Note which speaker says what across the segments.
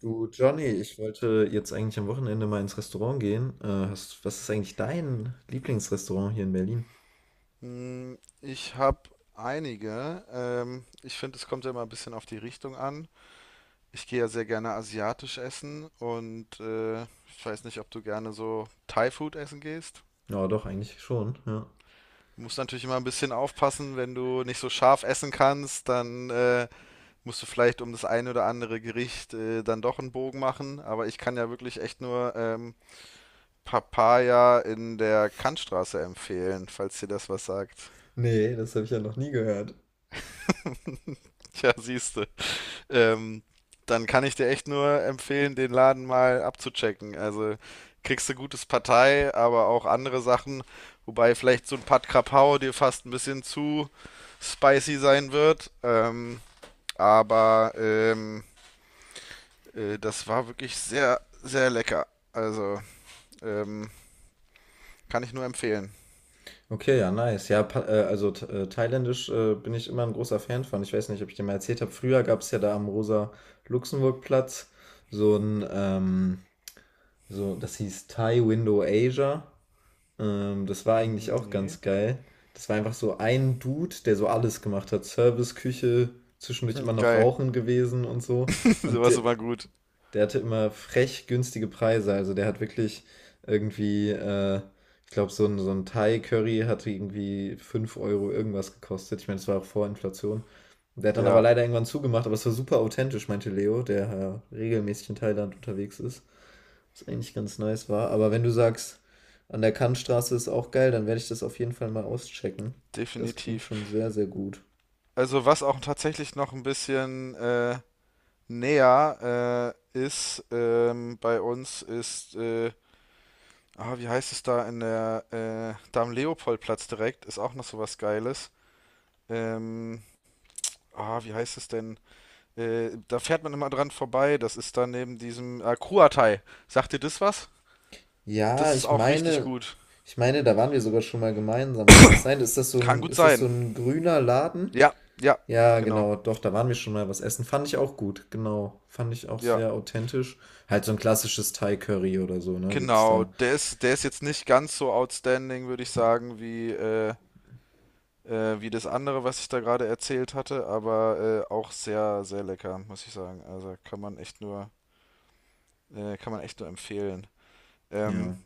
Speaker 1: Du Johnny, ich wollte jetzt eigentlich am Wochenende mal ins Restaurant gehen. Was ist eigentlich dein Lieblingsrestaurant hier in Berlin?
Speaker 2: Ich habe einige. Ich finde, es kommt ja immer ein bisschen auf die Richtung an. Ich gehe ja sehr gerne asiatisch essen und ich weiß nicht, ob du gerne so Thai-Food essen gehst.
Speaker 1: Ja, doch, eigentlich schon, ja.
Speaker 2: Du musst natürlich immer ein bisschen aufpassen, wenn du nicht so scharf essen kannst, dann musst du vielleicht um das ein oder andere Gericht dann doch einen Bogen machen. Aber ich kann ja wirklich echt nur Papaya in der Kantstraße empfehlen, falls dir das was sagt.
Speaker 1: Nee, das habe ich ja noch nie gehört.
Speaker 2: Tja, siehste. ähm, Dann kann ich dir echt nur empfehlen, den Laden mal abzuchecken. Also kriegst du gutes Partei, aber auch andere Sachen, wobei vielleicht so ein Pad Krapau dir fast ein bisschen zu spicy sein wird. Aber ähm, Das war wirklich sehr, sehr lecker. Also ähm, kann ich nur empfehlen.
Speaker 1: Okay, ja, nice. Ja, thailändisch bin ich immer ein großer Fan von. Ich weiß nicht, ob ich dir mal erzählt habe. Früher gab es ja da am Rosa-Luxemburg-Platz so ein, ähm, das hieß Thai Window Asia. Das war eigentlich
Speaker 2: Mhm.
Speaker 1: auch
Speaker 2: Nee.
Speaker 1: ganz geil. Das war einfach so ein Dude, der so alles gemacht hat. Service, Küche, zwischendurch immer noch
Speaker 2: Geil.
Speaker 1: Rauchen gewesen und so. Und
Speaker 2: Sowas
Speaker 1: der,
Speaker 2: ist immer gut.
Speaker 1: der hatte immer frech günstige Preise. Also der hat wirklich irgendwie, ich glaube, so ein Thai-Curry hat irgendwie 5 Euro irgendwas gekostet. Ich meine, das war auch vor Inflation. Der hat dann aber
Speaker 2: Ja,
Speaker 1: leider irgendwann zugemacht, aber es war super authentisch, meinte Leo, der regelmäßig in Thailand unterwegs ist. Was eigentlich ganz nice war. Aber wenn du sagst, an der Kantstraße ist auch geil, dann werde ich das auf jeden Fall mal auschecken. Das klingt
Speaker 2: definitiv.
Speaker 1: schon sehr, sehr gut.
Speaker 2: Also was auch tatsächlich noch ein bisschen näher ist, bei uns ist, wie heißt es da in der da am Leopoldplatz direkt, ist auch noch sowas Geiles. Ähm, Wie heißt es denn? Da fährt man immer dran vorbei. Das ist da neben diesem Kruatei. Sagt dir das was?
Speaker 1: Ja,
Speaker 2: Das ist
Speaker 1: ich
Speaker 2: auch richtig
Speaker 1: meine,
Speaker 2: gut.
Speaker 1: ich meine, da waren wir sogar schon mal gemeinsam. Kann das sein? Ist das so
Speaker 2: Kann
Speaker 1: ein,
Speaker 2: gut
Speaker 1: ist das so
Speaker 2: sein.
Speaker 1: ein grüner Laden?
Speaker 2: Ja, ja,
Speaker 1: Ja,
Speaker 2: genau.
Speaker 1: genau, doch, da waren wir schon mal was essen. Fand ich auch gut, genau. Fand ich auch
Speaker 2: Ja,
Speaker 1: sehr authentisch. Halt so ein klassisches Thai-Curry oder so, ne? Gibt's
Speaker 2: genau.
Speaker 1: da.
Speaker 2: Der ist jetzt nicht ganz so outstanding, würde ich sagen, wie wie das andere, was ich da gerade erzählt hatte, aber auch sehr, sehr lecker, muss ich sagen. Also kann man echt nur, kann man echt nur empfehlen. Ähm,
Speaker 1: Ja.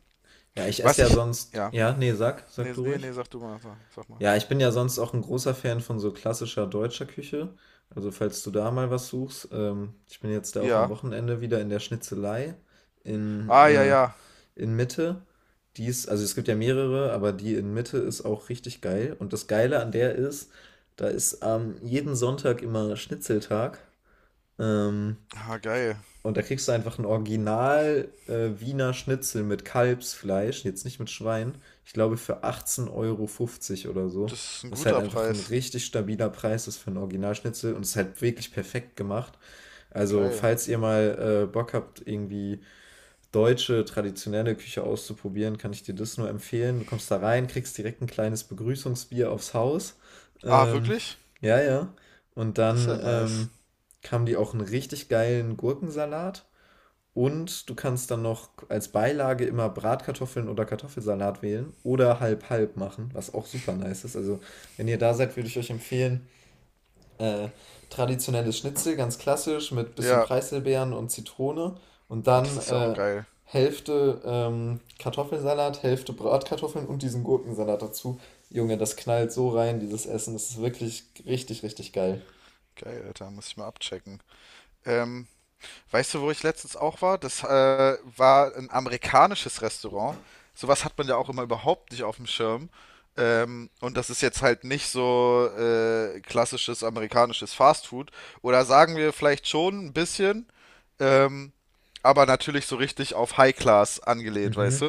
Speaker 1: Ja, ich
Speaker 2: was
Speaker 1: esse ja
Speaker 2: ich,
Speaker 1: sonst.
Speaker 2: ja,
Speaker 1: Ja, nee, sag
Speaker 2: nee,
Speaker 1: du
Speaker 2: nee, nee,
Speaker 1: ruhig.
Speaker 2: sag du mal, sag mal.
Speaker 1: Ja, ich bin ja sonst auch ein großer Fan von so klassischer deutscher Küche. Also, falls du da mal was suchst, ich bin jetzt da auch am
Speaker 2: Ja,
Speaker 1: Wochenende wieder in der Schnitzelei in,
Speaker 2: ah, ja,
Speaker 1: äh
Speaker 2: ja,
Speaker 1: in Mitte. Die ist also, es gibt ja mehrere, aber die in Mitte ist auch richtig geil. Und das Geile an der ist, da ist jeden Sonntag immer Schnitzeltag. Ähm,
Speaker 2: ah, geil.
Speaker 1: und da kriegst du einfach ein Original Wiener Schnitzel mit Kalbsfleisch, jetzt nicht mit Schwein, ich glaube für 18,50 € oder so.
Speaker 2: Das ist ein
Speaker 1: Was halt
Speaker 2: guter
Speaker 1: einfach ein
Speaker 2: Preis,
Speaker 1: richtig stabiler Preis ist für ein Originalschnitzel und ist halt wirklich perfekt gemacht. Also,
Speaker 2: geil.
Speaker 1: falls ihr mal Bock habt, irgendwie deutsche, traditionelle Küche auszuprobieren, kann ich dir das nur empfehlen. Du kommst da rein, kriegst direkt ein kleines Begrüßungsbier aufs Haus.
Speaker 2: Ah,
Speaker 1: Ähm,
Speaker 2: wirklich?
Speaker 1: ja, ja. Und
Speaker 2: Das ist
Speaker 1: dann
Speaker 2: ja nice.
Speaker 1: haben die auch einen richtig geilen Gurkensalat. Und du kannst dann noch als Beilage immer Bratkartoffeln oder Kartoffelsalat wählen oder halb-halb machen, was auch super nice ist. Also, wenn ihr da seid, würde ich euch empfehlen, äh, traditionelles Schnitzel, ganz klassisch, mit bisschen
Speaker 2: Ja,
Speaker 1: Preiselbeeren und Zitrone. Und
Speaker 2: ah,
Speaker 1: dann
Speaker 2: das ist ja auch geil.
Speaker 1: Hälfte Kartoffelsalat, Hälfte Bratkartoffeln und diesen Gurkensalat dazu. Junge, das knallt so rein, dieses Essen. Das ist wirklich richtig, richtig geil.
Speaker 2: Geil, Alter, muss ich mal abchecken. Ähm, Weißt du, wo ich letztens auch war? Das war ein amerikanisches Restaurant. Sowas hat man ja auch immer überhaupt nicht auf dem Schirm. Und das ist jetzt halt nicht so klassisches amerikanisches Fastfood. Oder sagen wir vielleicht schon ein bisschen, ähm, aber natürlich so richtig auf High Class angelehnt, weißt du?
Speaker 1: Mhm.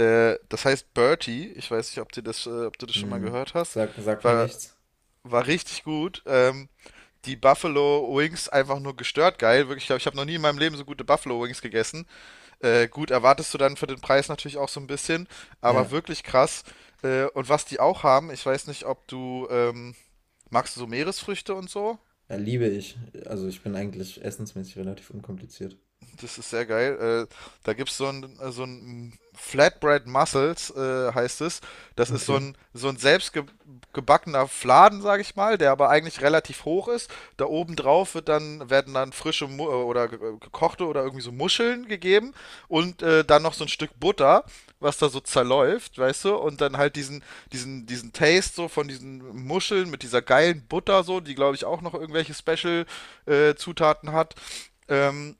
Speaker 2: Das heißt Bertie, ich weiß nicht, ob du das schon mal
Speaker 1: Hm.
Speaker 2: gehört hast,
Speaker 1: Sagt mir
Speaker 2: war,
Speaker 1: nichts.
Speaker 2: war richtig gut. Die Buffalo Wings einfach nur gestört geil. Wirklich, ich glaube, ich habe noch nie in meinem Leben so gute Buffalo Wings gegessen. Gut, erwartest du dann für den Preis natürlich auch so ein bisschen, aber
Speaker 1: Ja.
Speaker 2: wirklich krass. Und was die auch haben, ich weiß nicht, ob du, magst du so Meeresfrüchte und so?
Speaker 1: Ja, liebe ich. Also ich bin eigentlich essensmäßig relativ unkompliziert.
Speaker 2: Das ist sehr geil. Da gibt es so ein Flatbread Mussels, heißt es. Das ist so
Speaker 1: Okay.
Speaker 2: ein, so ein selbstgebackener Fladen, sage ich mal, der aber eigentlich relativ hoch ist. Da oben drauf wird dann, werden dann frische Mu oder gekochte oder irgendwie so Muscheln gegeben und dann noch so ein Stück Butter, was da so zerläuft, weißt du? Und dann halt diesen Taste so von diesen Muscheln mit dieser geilen Butter so, die glaube ich auch noch irgendwelche Special Zutaten hat. Ähm,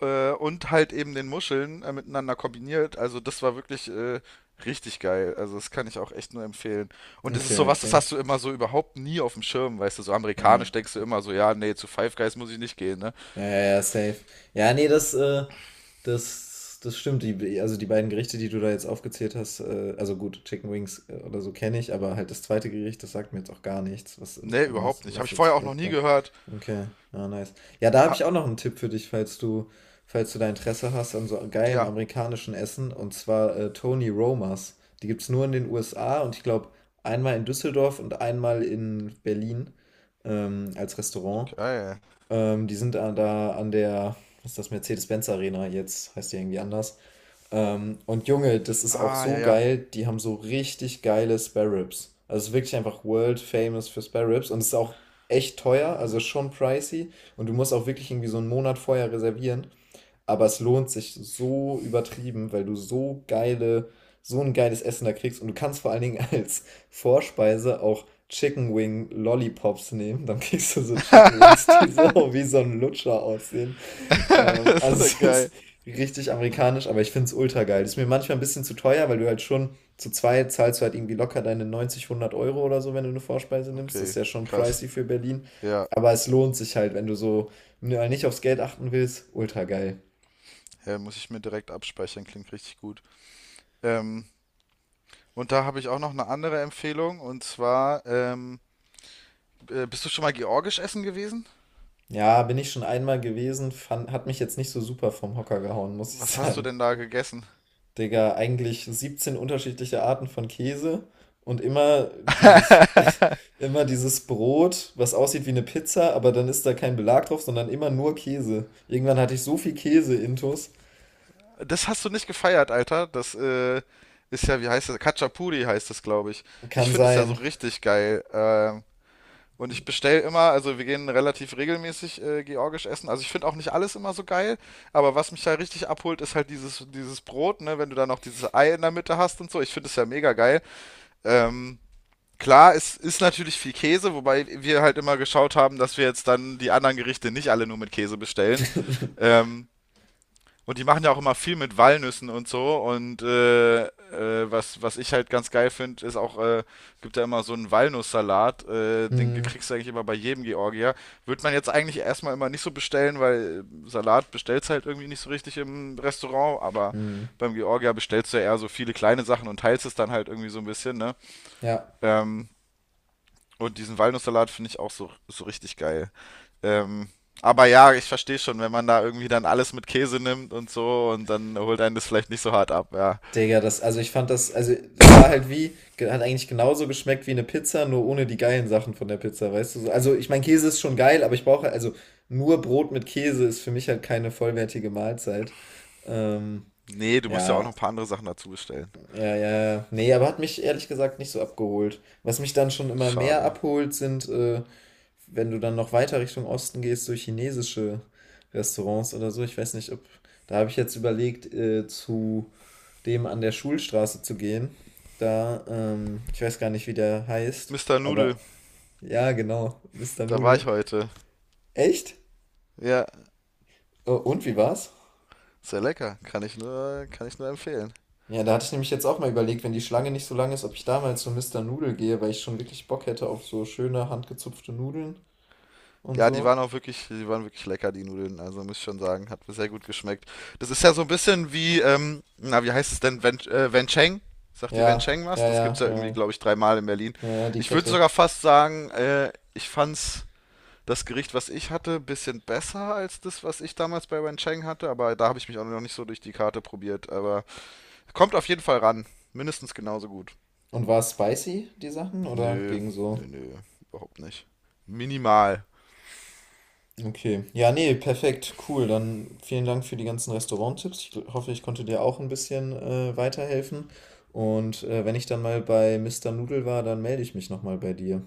Speaker 2: und halt eben den Muscheln miteinander kombiniert. Also das war wirklich richtig geil. Also das kann ich auch echt nur empfehlen. Und es ist
Speaker 1: Okay, ja,
Speaker 2: sowas, das hast
Speaker 1: klingt.
Speaker 2: du immer so überhaupt nie auf dem Schirm, weißt du, so
Speaker 1: Ja.
Speaker 2: amerikanisch denkst du immer so, ja, nee, zu Five Guys muss ich nicht gehen, ne?
Speaker 1: Ja, ja, ja, safe. Ja, nee, das stimmt. Also die beiden Gerichte, die du da jetzt aufgezählt hast, also gut, Chicken Wings oder so kenne ich, aber halt das zweite Gericht, das sagt mir jetzt auch gar nichts, was im,
Speaker 2: Nee,
Speaker 1: im Mus
Speaker 2: überhaupt nicht. Habe ich
Speaker 1: Mussels
Speaker 2: vorher auch noch nie
Speaker 1: Flatbread.
Speaker 2: gehört.
Speaker 1: Okay, ja, nice. Ja, da habe
Speaker 2: Ha,
Speaker 1: ich auch noch einen Tipp für dich, falls du da Interesse hast an so geilem
Speaker 2: ja,
Speaker 1: amerikanischen Essen, und zwar Tony Romas. Die gibt es nur in den USA und ich glaube einmal in Düsseldorf und einmal in Berlin als Restaurant.
Speaker 2: geil.
Speaker 1: Die sind da, an der, was ist das, Mercedes-Benz Arena jetzt, heißt die irgendwie anders. Und Junge, das ist auch
Speaker 2: Ah, ja,
Speaker 1: so
Speaker 2: ja.
Speaker 1: geil, die haben so richtig geile Spare Ribs. Also es ist wirklich einfach world famous für Spare Ribs und es ist auch echt teuer, also schon pricey und du musst auch wirklich irgendwie so einen Monat vorher reservieren. Aber es lohnt sich so übertrieben, weil du so ein geiles Essen da kriegst. Und du kannst vor allen Dingen als Vorspeise auch Chicken Wing Lollipops nehmen. Dann kriegst du so Chicken Wings, die so wie so ein Lutscher aussehen.
Speaker 2: Ist doch
Speaker 1: Also es ist
Speaker 2: geil.
Speaker 1: richtig amerikanisch, aber ich finde es ultra geil. Ist mir manchmal ein bisschen zu teuer, weil du halt schon zu zweit zahlst du halt irgendwie locker deine 90 100 Euro oder so, wenn du eine Vorspeise nimmst. Das ist
Speaker 2: Okay,
Speaker 1: ja schon
Speaker 2: krass.
Speaker 1: pricey für Berlin.
Speaker 2: Ja,
Speaker 1: Aber es lohnt sich halt, wenn du so ja, nicht aufs Geld achten willst. Ultra geil.
Speaker 2: ja, muss ich mir direkt abspeichern, klingt richtig gut. Ähm, und da habe ich auch noch eine andere Empfehlung, und zwar bist du schon mal georgisch essen gewesen?
Speaker 1: Ja, bin ich schon einmal gewesen, hat mich jetzt nicht so super vom Hocker gehauen, muss ich
Speaker 2: Was hast du
Speaker 1: sagen.
Speaker 2: denn da gegessen?
Speaker 1: Digga, eigentlich 17 unterschiedliche Arten von Käse und immer dieses, immer dieses Brot, was aussieht wie eine Pizza, aber dann ist da kein Belag drauf, sondern immer nur Käse. Irgendwann hatte ich so viel Käse-Intus.
Speaker 2: Das hast du nicht gefeiert, Alter. Das ist ja, wie heißt das? Khachapuri heißt das, glaube ich. Ich
Speaker 1: Kann
Speaker 2: finde es ja so
Speaker 1: sein.
Speaker 2: richtig geil. Und ich bestelle immer, also wir gehen relativ regelmäßig georgisch essen. Also ich finde auch nicht alles immer so geil, aber was mich da richtig abholt, ist halt dieses Brot, ne? Wenn du da noch dieses Ei in der Mitte hast und so. Ich finde es ja mega geil. Ähm, Klar, es ist natürlich viel Käse, wobei wir halt immer geschaut haben, dass wir jetzt dann die anderen Gerichte nicht alle nur mit Käse bestellen. Ähm, und die machen ja auch immer viel mit Walnüssen und so. Und was, was ich halt ganz geil finde, ist auch, gibt ja immer so einen Walnusssalat. Den
Speaker 1: Hm,
Speaker 2: kriegst du eigentlich immer bei jedem Georgier. Würde man jetzt eigentlich erstmal immer nicht so bestellen, weil Salat bestellst halt irgendwie nicht so richtig im Restaurant. Aber
Speaker 1: hm.
Speaker 2: beim Georgier bestellst du ja eher so viele kleine Sachen und teilst es dann halt irgendwie so ein bisschen, ne?
Speaker 1: Ja.
Speaker 2: Ähm, und diesen Walnusssalat finde ich auch so, so richtig geil. Ähm, aber ja, ich verstehe schon, wenn man da irgendwie dann alles mit Käse nimmt und so und dann holt einen das vielleicht nicht so hart ab, ja.
Speaker 1: Digga, also ich fand das, also das war halt wie, ge- hat eigentlich genauso geschmeckt wie eine Pizza, nur ohne die geilen Sachen von der Pizza, weißt du? So. Also ich meine, Käse ist schon geil, aber ich brauche, also nur Brot mit Käse ist für mich halt keine vollwertige Mahlzeit. Ähm,
Speaker 2: Nee, du musst ja auch noch ein
Speaker 1: ja,
Speaker 2: paar andere Sachen dazu bestellen.
Speaker 1: ja, ja. Ja. Nee, aber hat mich ehrlich gesagt nicht so abgeholt. Was mich dann schon immer mehr
Speaker 2: Schade.
Speaker 1: abholt, sind, wenn du dann noch weiter Richtung Osten gehst, so chinesische Restaurants oder so. Ich weiß nicht, ob. Da habe ich jetzt überlegt, zu dem an der Schulstraße zu gehen. Ich weiß gar nicht, wie der heißt,
Speaker 2: Mr. Nudel,
Speaker 1: aber ja, genau, Mister
Speaker 2: da war
Speaker 1: Nudel.
Speaker 2: ich heute.
Speaker 1: Echt?
Speaker 2: Ja,
Speaker 1: Oh, und wie war's?
Speaker 2: sehr lecker. Kann ich nur empfehlen.
Speaker 1: Ja, da hatte ich nämlich jetzt auch mal überlegt, wenn die Schlange nicht so lang ist, ob ich da mal zu Mister Nudel gehe, weil ich schon wirklich Bock hätte auf so schöne handgezupfte Nudeln und
Speaker 2: Ja, die
Speaker 1: so.
Speaker 2: waren auch wirklich, die waren wirklich lecker, die Nudeln. Also muss ich schon sagen, hat mir sehr gut geschmeckt. Das ist ja so ein bisschen wie, na, wie heißt es denn, Wencheng? Sagt ihr
Speaker 1: Ja,
Speaker 2: Wencheng was?
Speaker 1: ja,
Speaker 2: Das gibt's
Speaker 1: ja,
Speaker 2: ja irgendwie,
Speaker 1: ja,
Speaker 2: glaube ich, dreimal in Berlin.
Speaker 1: ja, ja, die
Speaker 2: Ich würde
Speaker 1: Kette.
Speaker 2: sogar fast sagen, ich fand's das Gericht, was ich hatte, ein bisschen besser als das, was ich damals bei Wencheng hatte, aber da habe ich mich auch noch nicht so durch die Karte probiert. Aber kommt auf jeden Fall ran. Mindestens genauso gut.
Speaker 1: Und war es spicy, die Sachen, oder
Speaker 2: Nö,
Speaker 1: ging so?
Speaker 2: nö, nö, überhaupt nicht. Minimal.
Speaker 1: Okay. Ja, nee, perfekt, cool. Dann vielen Dank für die ganzen Restauranttipps. Ich hoffe, ich konnte dir auch ein bisschen weiterhelfen. Und wenn ich dann mal bei Mister Nudel war, dann melde ich mich nochmal bei dir.